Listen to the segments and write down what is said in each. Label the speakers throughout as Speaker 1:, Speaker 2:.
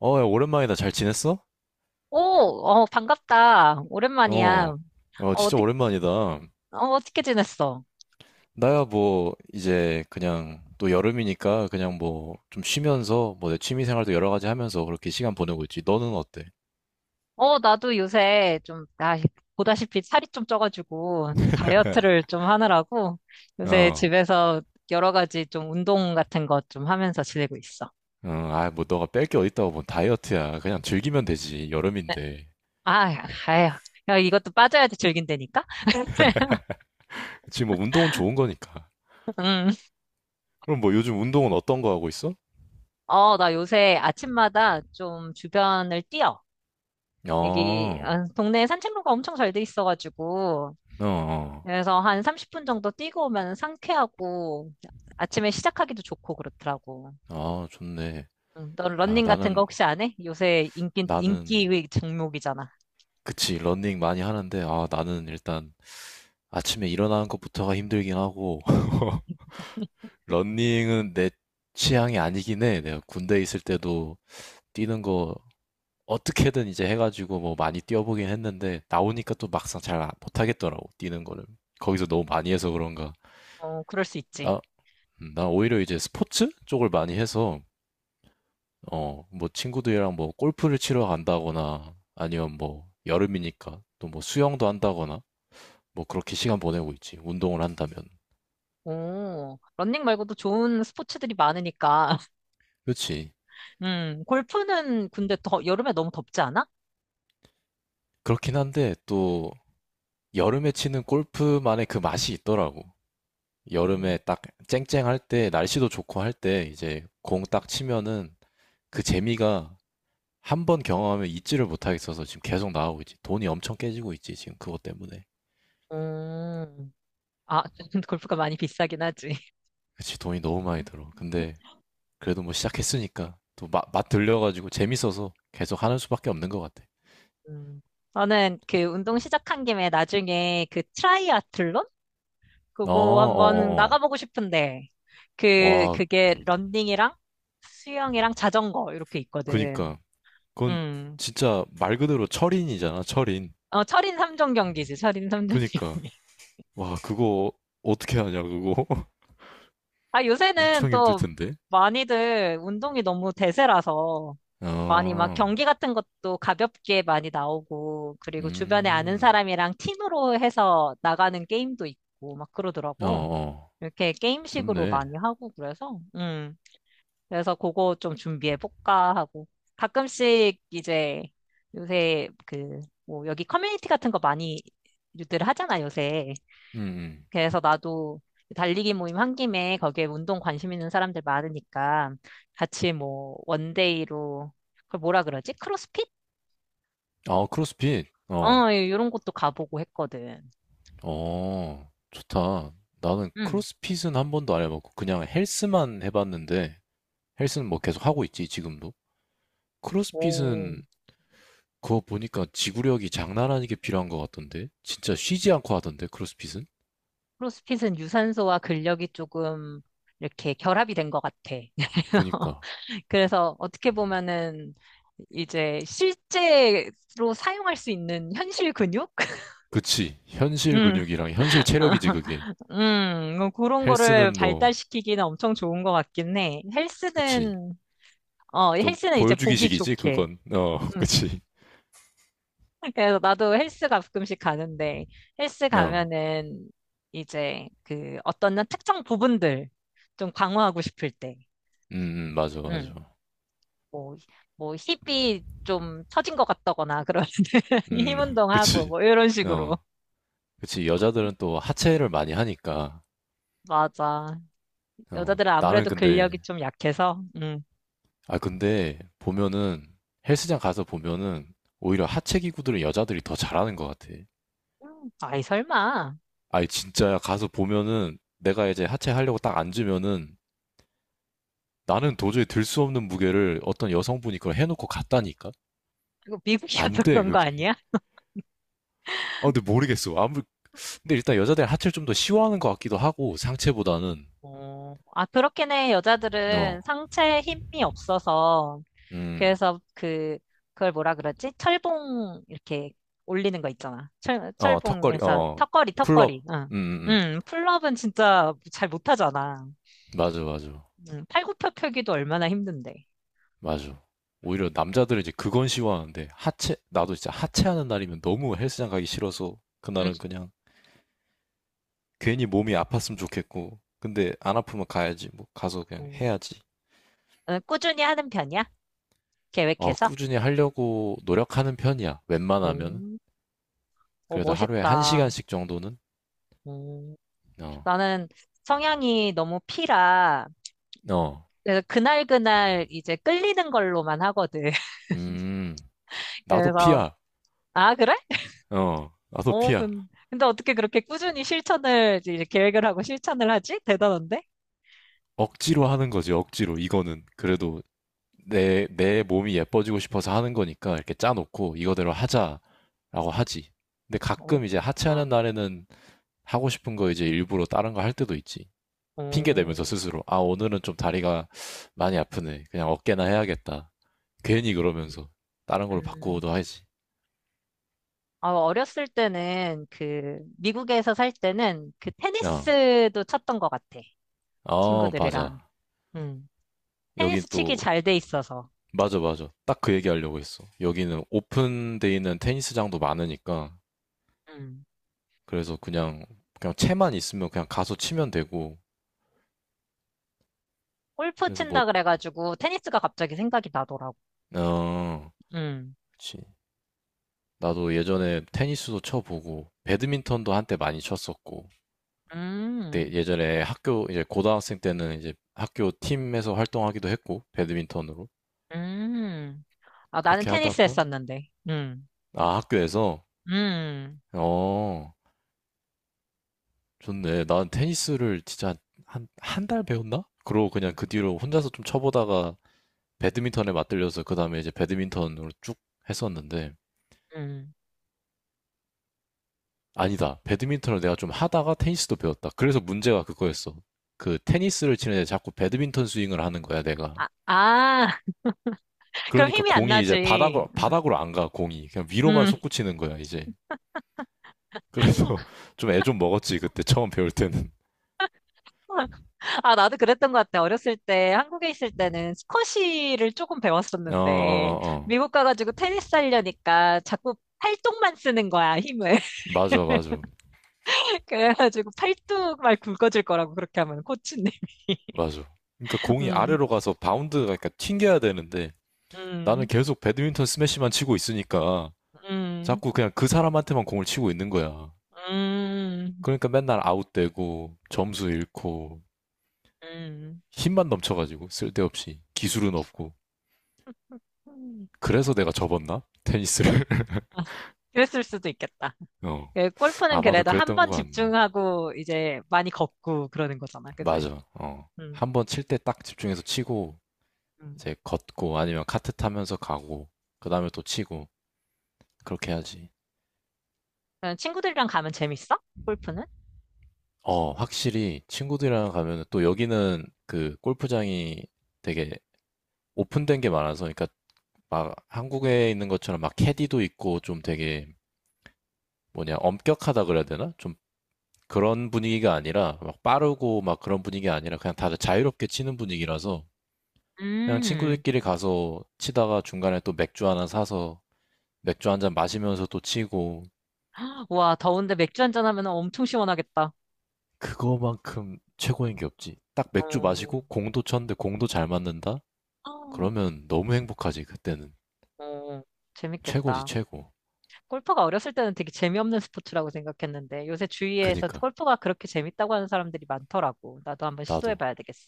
Speaker 1: 야, 오랜만이다. 잘 지냈어?
Speaker 2: 오, 반갑다. 오랜만이야.
Speaker 1: 어,
Speaker 2: 어,
Speaker 1: 진짜
Speaker 2: 어떻게,
Speaker 1: 오랜만이다.
Speaker 2: 어떻게 지냈어?
Speaker 1: 나야 뭐, 이제 그냥 또 여름이니까 그냥 뭐 좀 쉬면서 뭐 내 취미 생활도 여러 가지 하면서 그렇게 시간 보내고 있지. 너는 어때?
Speaker 2: 나도 요새 좀, 보다시피 살이 좀 쪄가지고 다이어트를 좀 하느라고 요새
Speaker 1: 어,
Speaker 2: 집에서 여러 가지 좀 운동 같은 것 좀 하면서 지내고 있어.
Speaker 1: 아, 뭐 너가 뺄 게 어딨다고 뭐 다이어트야. 그냥 즐기면 되지.
Speaker 2: 네.
Speaker 1: 여름인데.
Speaker 2: 아, 아휴. 야, 이것도 빠져야지 즐긴다니까?
Speaker 1: 지금 뭐 운동은 좋은 거니까.
Speaker 2: 음.
Speaker 1: 그럼 뭐 요즘 운동은 어떤 거 하고 있어?
Speaker 2: 나 요새 아침마다 좀 주변을 뛰어. 여기
Speaker 1: 어,
Speaker 2: 동네에 산책로가 엄청 잘 돼 있어가지고
Speaker 1: 어, 어,
Speaker 2: 그래서 한 30분 정도 뛰고 오면 상쾌하고 아침에 시작하기도 좋고 그렇더라고.
Speaker 1: 아, 좋네.
Speaker 2: 응, 너
Speaker 1: 아,
Speaker 2: 러닝 같은 거 혹시 안 해? 요새 인기
Speaker 1: 나는,
Speaker 2: 종목이잖아.
Speaker 1: 그치, 러닝 많이 하는데, 아, 나는 일단 아침에 일어나는 것부터가 힘들긴 하고, 러닝은 내 취향이 아니긴 해. 내가 군대 있을 때도 뛰는 거 어떻게든 이제 해가지고 뭐 많이 뛰어보긴 했는데, 나오니까 또 막상 잘 못하겠더라고, 뛰는 거를. 거기서 너무 많이 해서 그런가.
Speaker 2: 어, 그럴 수 있지.
Speaker 1: 나, 나 오히려 이제 스포츠 쪽을 많이 해서, 어, 뭐 친구들이랑 뭐 골프를 치러 간다거나, 아니면 뭐 여름이니까 또 뭐 수영도 한다거나, 뭐 그렇게 시간 보내고 있지. 운동을 한다면.
Speaker 2: 오, 러닝 말고도 좋은 스포츠들이 많으니까.
Speaker 1: 그렇지.
Speaker 2: 골프는 근데 더, 여름에 너무 덥지 않아?
Speaker 1: 그렇긴 한데 또 여름에 치는 골프만의 그 맛이 있더라고. 여름에
Speaker 2: 음,
Speaker 1: 딱 쨍쨍할 때, 날씨도 좋고 할 때, 이제 공 딱 치면은 그 재미가 한 번 경험하면 잊지를 못하겠어서 지금 계속 나오고 있지. 돈이 엄청 깨지고 있지, 지금 그것 때문에.
Speaker 2: 음. 아, 골프가 많이 비싸긴 하지.
Speaker 1: 그치, 돈이 너무 많이 들어. 근데 그래도 뭐 시작했으니까 또 맛 들려가지고 재밌어서 계속 하는 수밖에 없는 것 같아.
Speaker 2: 음. 저는 그 운동 시작한 김에 나중에 그 트라이아틀론?
Speaker 1: 어, 어,
Speaker 2: 그거 한번
Speaker 1: 어, 어.
Speaker 2: 나가보고 싶은데,
Speaker 1: 와,
Speaker 2: 그게 런닝이랑 수영이랑 자전거 이렇게 있거든.
Speaker 1: 그니까. 그건
Speaker 2: 음.
Speaker 1: 진짜 말 그대로 철인이잖아, 철인.
Speaker 2: 어, 철인 삼종 경기지, 철인 삼종
Speaker 1: 그니까.
Speaker 2: 경기.
Speaker 1: 와, 그거 어떻게 하냐, 그거?
Speaker 2: 요새는
Speaker 1: 엄청 힘들
Speaker 2: 또
Speaker 1: 텐데.
Speaker 2: 많이들 운동이 너무 대세라서 많이 막
Speaker 1: 아,
Speaker 2: 경기 같은 것도 가볍게 많이 나오고, 그리고 주변에 아는
Speaker 1: 음,
Speaker 2: 사람이랑 팀으로 해서 나가는 게임도 있고, 막
Speaker 1: 어,
Speaker 2: 그러더라고.
Speaker 1: 어,
Speaker 2: 이렇게 게임식으로
Speaker 1: 좋네.
Speaker 2: 많이 하고 그래서, 그래서 그거 좀 준비해 볼까 하고 가끔씩 이제 요새 그 뭐 여기 커뮤니티 같은 거 많이 유들 하잖아 요새.
Speaker 1: 음, 음.
Speaker 2: 그래서 나도 달리기 모임 한 김에 거기에 운동 관심 있는 사람들 많으니까 같이 뭐 원데이로 그걸 뭐라 그러지? 크로스핏?
Speaker 1: 아, 크로스핏. 어,
Speaker 2: 어, 이런 것도 가보고 했거든.
Speaker 1: 어, 좋다. 나는
Speaker 2: 응.
Speaker 1: 크로스핏은 한 번도 안 해봤고, 그냥 헬스만 해봤는데, 헬스는 뭐 계속 하고 있지, 지금도.
Speaker 2: 오,
Speaker 1: 크로스핏은 그거 보니까 지구력이 장난 아니게 필요한 것 같던데? 진짜 쉬지 않고 하던데, 크로스핏은?
Speaker 2: 크로스핏은 유산소와 근력이 조금 이렇게 결합이 된 것 같아.
Speaker 1: 그니까.
Speaker 2: 그래서 어떻게 보면은 이제 실제로 사용할 수 있는 현실 근육?
Speaker 1: 그치. 현실
Speaker 2: 음,
Speaker 1: 근육이랑 현실 체력이지, 그게.
Speaker 2: 뭐 그런 거를
Speaker 1: 헬스는 뭐,
Speaker 2: 발달시키기는 엄청 좋은 것 같긴 해.
Speaker 1: 그치.
Speaker 2: 헬스는, 어,
Speaker 1: 좀
Speaker 2: 헬스는 이제 보기
Speaker 1: 보여주기식이지,
Speaker 2: 좋게.
Speaker 1: 그건. 어,
Speaker 2: 음,
Speaker 1: 그치.
Speaker 2: 그래서 나도 헬스 가끔씩 가는데, 헬스
Speaker 1: 어,
Speaker 2: 가면은 이제 그 어떤 특정 부분들 좀 강화하고 싶을 때.
Speaker 1: 음, 맞아, 맞아.
Speaker 2: 음. 뭐, 뭐 힙이 좀 처진 것 같다거나 그러면 힘
Speaker 1: 음,
Speaker 2: 운동하고
Speaker 1: 그치.
Speaker 2: 뭐 이런 식으로.
Speaker 1: 어, 그치. 여자들은 또 하체를 많이 하니까.
Speaker 2: 맞아.
Speaker 1: 어,
Speaker 2: 여자들은
Speaker 1: 나는
Speaker 2: 아무래도
Speaker 1: 근데,
Speaker 2: 근력이 좀 약해서. 음.
Speaker 1: 아, 근데 보면은 헬스장 가서 보면은 오히려 하체 기구들은 여자들이 더 잘하는 것 같아.
Speaker 2: 아이 설마.
Speaker 1: 아니, 진짜야. 가서 보면은 내가 이제 하체 하려고 딱 앉으면은 나는 도저히 들 수 없는 무게를 어떤 여성분이 그걸 해놓고 갔다니까?
Speaker 2: 이거
Speaker 1: 안
Speaker 2: 미국이어서
Speaker 1: 돼,
Speaker 2: 그런 거
Speaker 1: 그게.
Speaker 2: 아니야?
Speaker 1: 아, 근데 모르겠어. 아무 근데 일단 여자들은 하체를 좀 더 시원한 것 같기도 하고 상체보다는
Speaker 2: 어, 아 그렇긴 해.
Speaker 1: 어,
Speaker 2: 여자들은 상체에 힘이 없어서
Speaker 1: 음,
Speaker 2: 그래서 그 그걸 뭐라 그러지? 철봉 이렇게 올리는 거 있잖아. 철
Speaker 1: 어 턱걸이,
Speaker 2: 철봉에서
Speaker 1: 어
Speaker 2: 턱걸이.
Speaker 1: 풀업,
Speaker 2: 응.
Speaker 1: 음, 음, 음.
Speaker 2: 풀업은 진짜 잘 못하잖아.
Speaker 1: 맞아, 맞아,
Speaker 2: 팔굽혀 펴기도 얼마나 힘든데.
Speaker 1: 맞아. 오히려 남자들은 이제 그건 시하는데 하체, 나도 진짜 하체하는 날이면 너무 헬스장 가기 싫어서
Speaker 2: 음.
Speaker 1: 그날은 그냥 괜히 몸이 아팠으면 좋겠고, 근데 안 아프면 가야지, 뭐 가서 그냥
Speaker 2: 음.
Speaker 1: 해야지.
Speaker 2: 어, 꾸준히 하는 편이야?
Speaker 1: 어
Speaker 2: 계획해서?
Speaker 1: 꾸준히 하려고 노력하는 편이야. 웬만하면
Speaker 2: 음. 오,
Speaker 1: 그래도 하루에 한
Speaker 2: 멋있다.
Speaker 1: 시간씩 정도는
Speaker 2: 음.
Speaker 1: 어,
Speaker 2: 나는 성향이 너무 피라.
Speaker 1: 어,
Speaker 2: 그래서 그날그날 이제 끌리는 걸로만 하거든.
Speaker 1: 음, 나도
Speaker 2: 그래서,
Speaker 1: 피야.
Speaker 2: 아, 그래?
Speaker 1: 어, 아토피야.
Speaker 2: 근데 어떻게 그렇게 꾸준히 실천을, 이제 계획을 하고 실천을 하지? 대단한데?
Speaker 1: 억지로 하는 거지, 억지로. 이거는. 그래도 내 몸이 예뻐지고 싶어서 하는 거니까 이렇게 짜놓고 이거대로 하자라고 하지. 근데
Speaker 2: 어,
Speaker 1: 가끔 이제 하체하는
Speaker 2: 그렇구나.
Speaker 1: 날에는 하고 싶은 거 이제 일부러 다른 거 할 때도 있지. 핑계
Speaker 2: 어,
Speaker 1: 대면서 스스로. 아, 오늘은 좀 다리가 많이 아프네. 그냥 어깨나 해야겠다. 괜히 그러면서 다른 걸로 바꾸어도
Speaker 2: 음.
Speaker 1: 하지.
Speaker 2: 어, 어렸을 때는 그 미국에서 살 때는 그
Speaker 1: 어,
Speaker 2: 테니스도 쳤던 것 같아.
Speaker 1: 어, 맞아.
Speaker 2: 친구들이랑. 음.
Speaker 1: 여긴
Speaker 2: 테니스 치기
Speaker 1: 또
Speaker 2: 잘돼 있어서.
Speaker 1: 맞아, 맞아. 딱 그 얘기 하려고 했어. 여기는 오픈돼 있는 테니스장도 많으니까.
Speaker 2: 음.
Speaker 1: 그래서 그냥 채만 있으면 그냥 가서 치면 되고.
Speaker 2: 골프
Speaker 1: 그래서 뭐,
Speaker 2: 친다 그래가지고 테니스가 갑자기 생각이 나더라고.
Speaker 1: 어,
Speaker 2: 음.
Speaker 1: 그치. 나도 예전에 테니스도 쳐보고, 배드민턴도 한때 많이 쳤었고. 그때
Speaker 2: 음.
Speaker 1: 예전에 학교, 이제 고등학생 때는 이제 학교 팀에서 활동하기도 했고, 배드민턴으로.
Speaker 2: 음. 아, 나는
Speaker 1: 그렇게
Speaker 2: 테니스
Speaker 1: 하다가,
Speaker 2: 했었는데. 음.
Speaker 1: 아, 학교에서,
Speaker 2: 음.
Speaker 1: 어, 좋네. 난 테니스를 진짜 한, 한 달 배웠나? 그러고 그냥 그 뒤로 혼자서 좀 쳐보다가 배드민턴에 맞들려서 그 다음에 이제 배드민턴으로 쭉 했었는데
Speaker 2: 음.
Speaker 1: 아니다. 배드민턴을 내가 좀 하다가 테니스도 배웠다. 그래서 문제가 그거였어. 그 테니스를 치는데 자꾸 배드민턴 스윙을 하는 거야, 내가.
Speaker 2: 아, 아. 그럼
Speaker 1: 그러니까
Speaker 2: 힘이 안
Speaker 1: 공이 이제
Speaker 2: 나지.
Speaker 1: 바닥으로 바닥으로 안 가, 공이. 그냥 위로만
Speaker 2: 음.
Speaker 1: 솟구치는 거야, 이제. 그래서 좀 애 좀 먹었지, 그때 처음 배울 때는.
Speaker 2: 아, 나도 그랬던 것 같아. 어렸을 때, 한국에 있을 때는 스쿼시를 조금
Speaker 1: 어, 어,
Speaker 2: 배웠었는데,
Speaker 1: 어. 어.
Speaker 2: 미국 가가지고 테니스 하려니까 자꾸 팔뚝만 쓰는 거야, 힘을.
Speaker 1: 맞아, 맞아.
Speaker 2: 그래가지고 팔뚝 말 굵어질 거라고 그렇게 하면, 코치님이.
Speaker 1: 맞아. 그러니까 공이
Speaker 2: 음,
Speaker 1: 아래로 가서 바운드가 그러니까 튕겨야 되는데 나는
Speaker 2: 음,
Speaker 1: 계속 배드민턴 스매시만 치고 있으니까
Speaker 2: 음,
Speaker 1: 자꾸 그냥 그 사람한테만 공을 치고 있는 거야.
Speaker 2: 음,
Speaker 1: 그러니까 맨날 아웃되고 점수 잃고 힘만 넘쳐가지고 쓸데없이 기술은 없고
Speaker 2: 음.
Speaker 1: 그래서 내가 접었나? 테니스를?
Speaker 2: 아, 그랬을 수도 있겠다.
Speaker 1: 어
Speaker 2: 그 골프는
Speaker 1: 아마도
Speaker 2: 그래도 한
Speaker 1: 그랬던
Speaker 2: 번
Speaker 1: 거 같네.
Speaker 2: 집중하고 이제 많이 걷고 그러는 거잖아, 그지?
Speaker 1: 맞아. 어
Speaker 2: 음,
Speaker 1: 한번 칠 때 딱 집중해서 치고
Speaker 2: 음.
Speaker 1: 이제 걷고 아니면 카트 타면서 가고 그 다음에 또 치고 그렇게 해야지.
Speaker 2: 친구들이랑 가면 재밌어? 골프는?
Speaker 1: 어 확실히 친구들이랑 가면은 또 여기는 그 골프장이 되게 오픈된 게 많아서 그러니까 막 한국에 있는 것처럼 막 캐디도 있고 좀 되게 뭐냐 엄격하다 그래야 되나? 좀 그런 분위기가 아니라 막 빠르고 막 그런 분위기가 아니라 그냥 다들 자유롭게 치는 분위기라서 그냥
Speaker 2: 음.
Speaker 1: 친구들끼리 가서 치다가 중간에 또 맥주 하나 사서 맥주 한 잔 마시면서 또 치고
Speaker 2: 와, 더운데 맥주 한 잔 하면 엄청 시원하겠다.
Speaker 1: 그거만큼
Speaker 2: 응.
Speaker 1: 최고인 게 없지. 딱 맥주
Speaker 2: 어,
Speaker 1: 마시고 공도 쳤는데 공도 잘 맞는다?
Speaker 2: 어,
Speaker 1: 그러면 너무 행복하지 그때는
Speaker 2: 어,
Speaker 1: 최고지
Speaker 2: 재밌겠다.
Speaker 1: 최고.
Speaker 2: 골프가 어렸을 때는 되게 재미없는 스포츠라고 생각했는데 요새 주위에서
Speaker 1: 그니까
Speaker 2: 골프가 그렇게 재밌다고 하는 사람들이 많더라고. 나도 한번
Speaker 1: 나도.
Speaker 2: 시도해봐야 되겠어.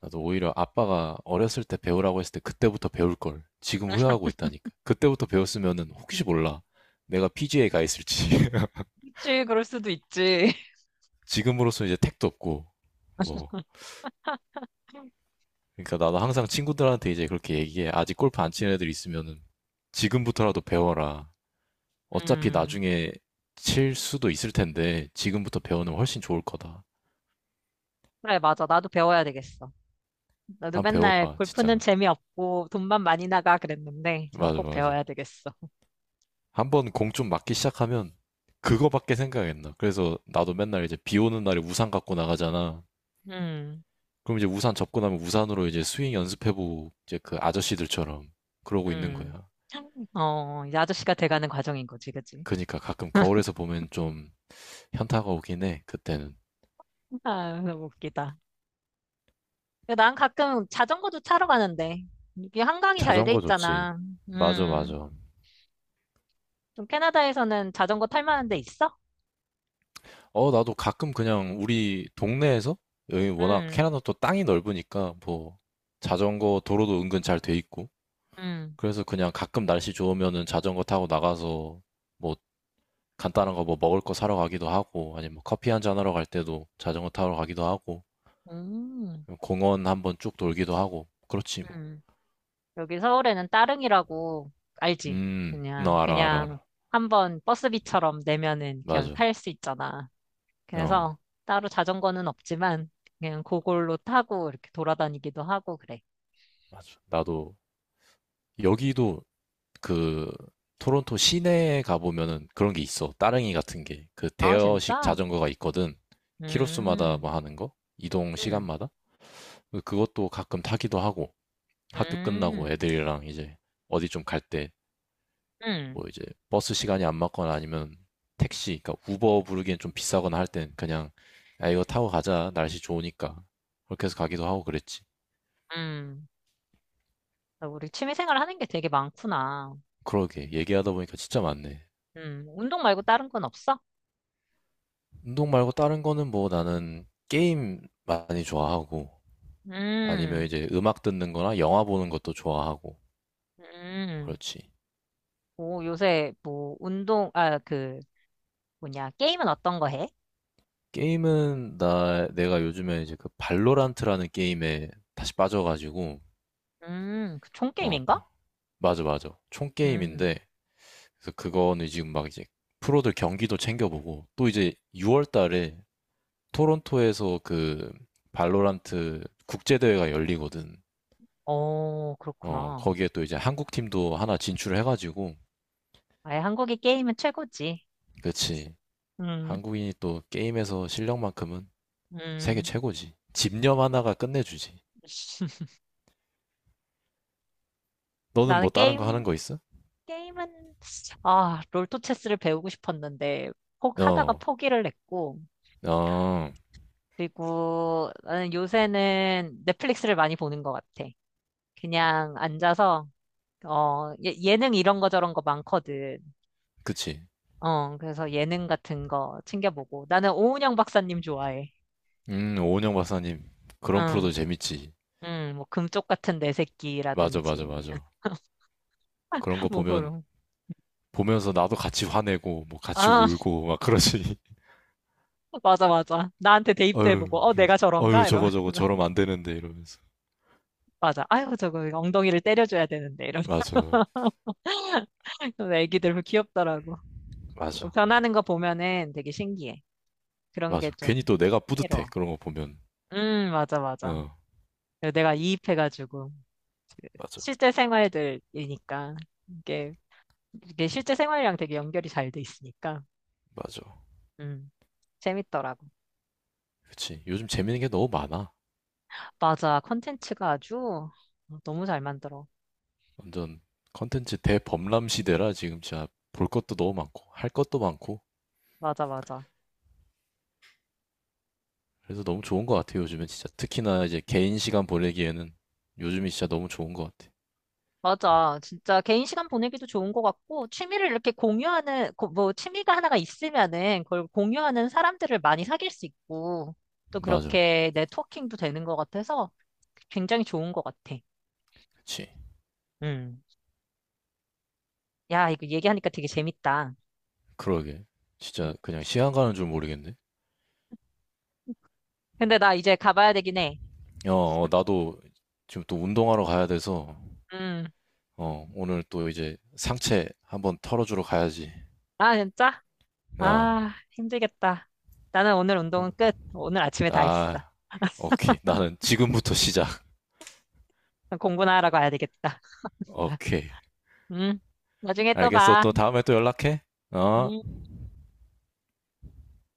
Speaker 1: 나도 오히려 아빠가 어렸을 때 배우라고 했을 때 그때부터 배울 걸 지금 후회하고 있다니까. 그때부터 배웠으면은 혹시 몰라. 내가 PGA 가 있을지.
Speaker 2: 그치, 그럴 수도 있지.
Speaker 1: 지금으로서 이제 택도 없고 뭐. 그러니까 나도 항상 친구들한테 이제 그렇게 얘기해. 아직 골프 안 치는 애들 있으면은 지금부터라도 배워라. 어차피
Speaker 2: 음,
Speaker 1: 나중에 칠 수도 있을 텐데 지금부터 배우면 훨씬 좋을 거다.
Speaker 2: 그래, 맞아. 나도 배워야 되겠어. 나도
Speaker 1: 한번
Speaker 2: 맨날
Speaker 1: 배워봐,
Speaker 2: 골프는
Speaker 1: 진짜.
Speaker 2: 재미없고 돈만 많이 나가 그랬는데 저는
Speaker 1: 맞아,
Speaker 2: 꼭
Speaker 1: 맞아.
Speaker 2: 배워야 되겠어.
Speaker 1: 한 번 공 좀 맞기 시작하면 그거밖에 생각 안 나. 그래서 나도 맨날 이제 비 오는 날에 우산 갖고 나가잖아.
Speaker 2: 음,
Speaker 1: 그럼 이제 우산 접고 나면 우산으로 이제 스윙 연습해보고 이제 그 아저씨들처럼 그러고 있는
Speaker 2: 음.
Speaker 1: 거야.
Speaker 2: 어, 이제 아저씨가 돼가는 과정인 거지, 그치?
Speaker 1: 그러니까 가끔 거울에서 보면 좀 현타가 오긴 해. 그때는.
Speaker 2: 아, 너무 웃기다. 난 가끔 자전거도 타러 가는데, 이게 한강이 잘 돼
Speaker 1: 자전거 좋지.
Speaker 2: 있잖아.
Speaker 1: 맞아,
Speaker 2: 음,
Speaker 1: 맞아.
Speaker 2: 좀 캐나다에서는 자전거 탈 만한 데 있어?
Speaker 1: 어, 나도 가끔 그냥 우리 동네에서 여기 워낙
Speaker 2: 음,
Speaker 1: 캐나다 또 땅이 넓으니까 뭐 자전거 도로도 은근 잘 돼 있고
Speaker 2: 음,
Speaker 1: 그래서 그냥 가끔 날씨 좋으면은 자전거 타고 나가서 뭐 간단한 거 뭐 먹을 거 사러 가기도 하고, 아니면 뭐 커피 한 잔 하러 갈 때도 자전거 타러 가기도 하고,
Speaker 2: 음,
Speaker 1: 공원 한번 쭉 돌기도 하고, 그렇지 뭐.
Speaker 2: 음. 여기 서울에는 따릉이라고 알지?
Speaker 1: 너 알아, 알아,
Speaker 2: 그냥
Speaker 1: 알아.
Speaker 2: 한번 버스비처럼 내면은 그냥
Speaker 1: 맞아.
Speaker 2: 탈 수 있잖아. 그래서
Speaker 1: 어,
Speaker 2: 따로 자전거는 없지만, 그냥 그걸로 타고 이렇게 돌아다니기도 하고 그래.
Speaker 1: 맞아. 나도 여기도 그 토론토 시내에 가보면은 그런 게 있어. 따릉이 같은 게. 그
Speaker 2: 아,
Speaker 1: 대여식
Speaker 2: 진짜?
Speaker 1: 자전거가 있거든. 키로수마다
Speaker 2: 음,
Speaker 1: 뭐 하는 거? 이동
Speaker 2: 음,
Speaker 1: 시간마다? 그것도 가끔 타기도 하고, 학교 끝나고
Speaker 2: 음,
Speaker 1: 애들이랑 이제 어디 좀갈때
Speaker 2: 음.
Speaker 1: 뭐 이제 버스 시간이 안 맞거나 아니면 택시, 그러니까 우버 부르기엔 좀 비싸거나 할 땐 그냥 야 이거 타고 가자 날씨 좋으니까 그렇게 해서 가기도 하고 그랬지.
Speaker 2: 음, 나 우리 취미생활 하는 게 되게 많구나.
Speaker 1: 그러게 얘기하다 보니까 진짜 많네.
Speaker 2: 운동 말고 다른 건 없어?
Speaker 1: 운동 말고 다른 거는 뭐 나는 게임 많이 좋아하고 아니면
Speaker 2: 음,
Speaker 1: 이제 음악 듣는 거나 영화 보는 것도 좋아하고
Speaker 2: 음.
Speaker 1: 그렇지.
Speaker 2: 오, 요새 뭐 운동, 아, 그 뭐냐, 게임은 어떤 거 해?
Speaker 1: 게임은 나 내가 요즘에 이제 그 발로란트라는 게임에 다시 빠져가지고
Speaker 2: 그
Speaker 1: 어
Speaker 2: 총게임인가?
Speaker 1: 맞아 맞아 총
Speaker 2: 음,
Speaker 1: 게임인데 그래서 그거는 지금 막 이제 프로들 경기도 챙겨보고 또 이제 6월 달에 토론토에서 그 발로란트 국제대회가 열리거든.
Speaker 2: 어,
Speaker 1: 어,
Speaker 2: 그렇구나.
Speaker 1: 거기에 또 이제 한국 팀도 하나 진출을 해가지고
Speaker 2: 아예 한국이 게임은 최고지.
Speaker 1: 그치.
Speaker 2: 음,
Speaker 1: 한국인이 또 게임에서 실력만큼은 세계
Speaker 2: 음.
Speaker 1: 최고지. 집념 하나가 끝내주지. 너는
Speaker 2: 나는
Speaker 1: 뭐 다른 거 하는
Speaker 2: 게임,
Speaker 1: 거 있어?
Speaker 2: 게임은, 아, 롤토체스를 배우고 싶었는데, 포, 하다가
Speaker 1: 어,
Speaker 2: 포기를 했고,
Speaker 1: 어,
Speaker 2: 그리고 나는 요새는 넷플릭스를 많이 보는 것 같아. 그냥 앉아서, 어, 예능 이런 거 저런 거 많거든.
Speaker 1: 그치.
Speaker 2: 어, 그래서 예능 같은 거 챙겨보고. 나는 오은영 박사님 좋아해.
Speaker 1: 오은영 박사님, 그런
Speaker 2: 응,
Speaker 1: 프로도 재밌지.
Speaker 2: 응, 뭐, 금쪽 같은 내
Speaker 1: 맞아, 맞아,
Speaker 2: 새끼라든지.
Speaker 1: 맞아. 그런 거
Speaker 2: 뭐,
Speaker 1: 보면
Speaker 2: 그런.
Speaker 1: 보면서 나도 같이 화내고 뭐 같이
Speaker 2: 아,
Speaker 1: 울고 막 그러시니
Speaker 2: 맞아, 맞아. 나한테 대입도 해보고,
Speaker 1: 어휴
Speaker 2: 어, 내가
Speaker 1: 그래서 어휴
Speaker 2: 저런가? 이러면.
Speaker 1: 저거 저거 저러면 안 되는데 이러면서
Speaker 2: 맞아. 아유, 저거 엉덩이를 때려줘야 되는데. 이러면.
Speaker 1: 맞아
Speaker 2: 그래서 애기들 귀엽더라고.
Speaker 1: 맞아
Speaker 2: 변하는 거 보면은 되게 신기해. 그런 게
Speaker 1: 맞아 괜히
Speaker 2: 좀
Speaker 1: 또 내가 뿌듯해
Speaker 2: 흥미로워.
Speaker 1: 그런 거 보면
Speaker 2: 맞아, 맞아.
Speaker 1: 어
Speaker 2: 내가 이입해가지고,
Speaker 1: 맞아
Speaker 2: 실제 생활들이니까, 이게, 이게 실제 생활이랑 되게 연결이 잘 돼 있으니까,
Speaker 1: 맞아
Speaker 2: 음, 재밌더라고.
Speaker 1: 그치 요즘 재밌는 게 너무 많아
Speaker 2: 맞아, 컨텐츠가 아주 어, 너무 잘 만들어.
Speaker 1: 완전 컨텐츠 대범람 시대라 지금 진짜 볼 것도 너무 많고 할 것도 많고
Speaker 2: 맞아, 맞아.
Speaker 1: 그래서 너무 좋은 것 같아요 요즘은 진짜 특히나 이제 개인 시간 보내기에는 요즘이 진짜 너무 좋은 것 같아
Speaker 2: 맞아. 진짜 개인 시간 보내기도 좋은 것 같고, 취미를 이렇게 공유하는, 고- 뭐, 취미가 하나가 있으면은, 그걸 공유하는 사람들을 많이 사귈 수 있고, 또
Speaker 1: 맞아
Speaker 2: 그렇게 네트워킹도 되는 것 같아서 굉장히 좋은 것 같아.
Speaker 1: 그치
Speaker 2: 음. 야, 이거 얘기하니까 되게 재밌다.
Speaker 1: 그러게
Speaker 2: 음.
Speaker 1: 진짜 그냥 시간 가는 줄 모르겠네
Speaker 2: 근데 나 이제 가봐야 되긴 해.
Speaker 1: 어, 어, 나도 지금 또 운동하러 가야 돼서,
Speaker 2: 음.
Speaker 1: 어, 오늘 또 이제 상체 한번 털어주러 가야지.
Speaker 2: 아, 진짜?
Speaker 1: 아,
Speaker 2: 아, 힘들겠다. 나는 오늘 운동은
Speaker 1: 한-
Speaker 2: 끝. 오늘 아침에 다 했어.
Speaker 1: 아, 오케이. 나는 지금부터 시작.
Speaker 2: 공부나 하러 가야 되겠다.
Speaker 1: 오케이.
Speaker 2: 음. 나중에 또
Speaker 1: 알겠어.
Speaker 2: 봐.
Speaker 1: 또 다음에 또 연락해. 어.
Speaker 2: 음.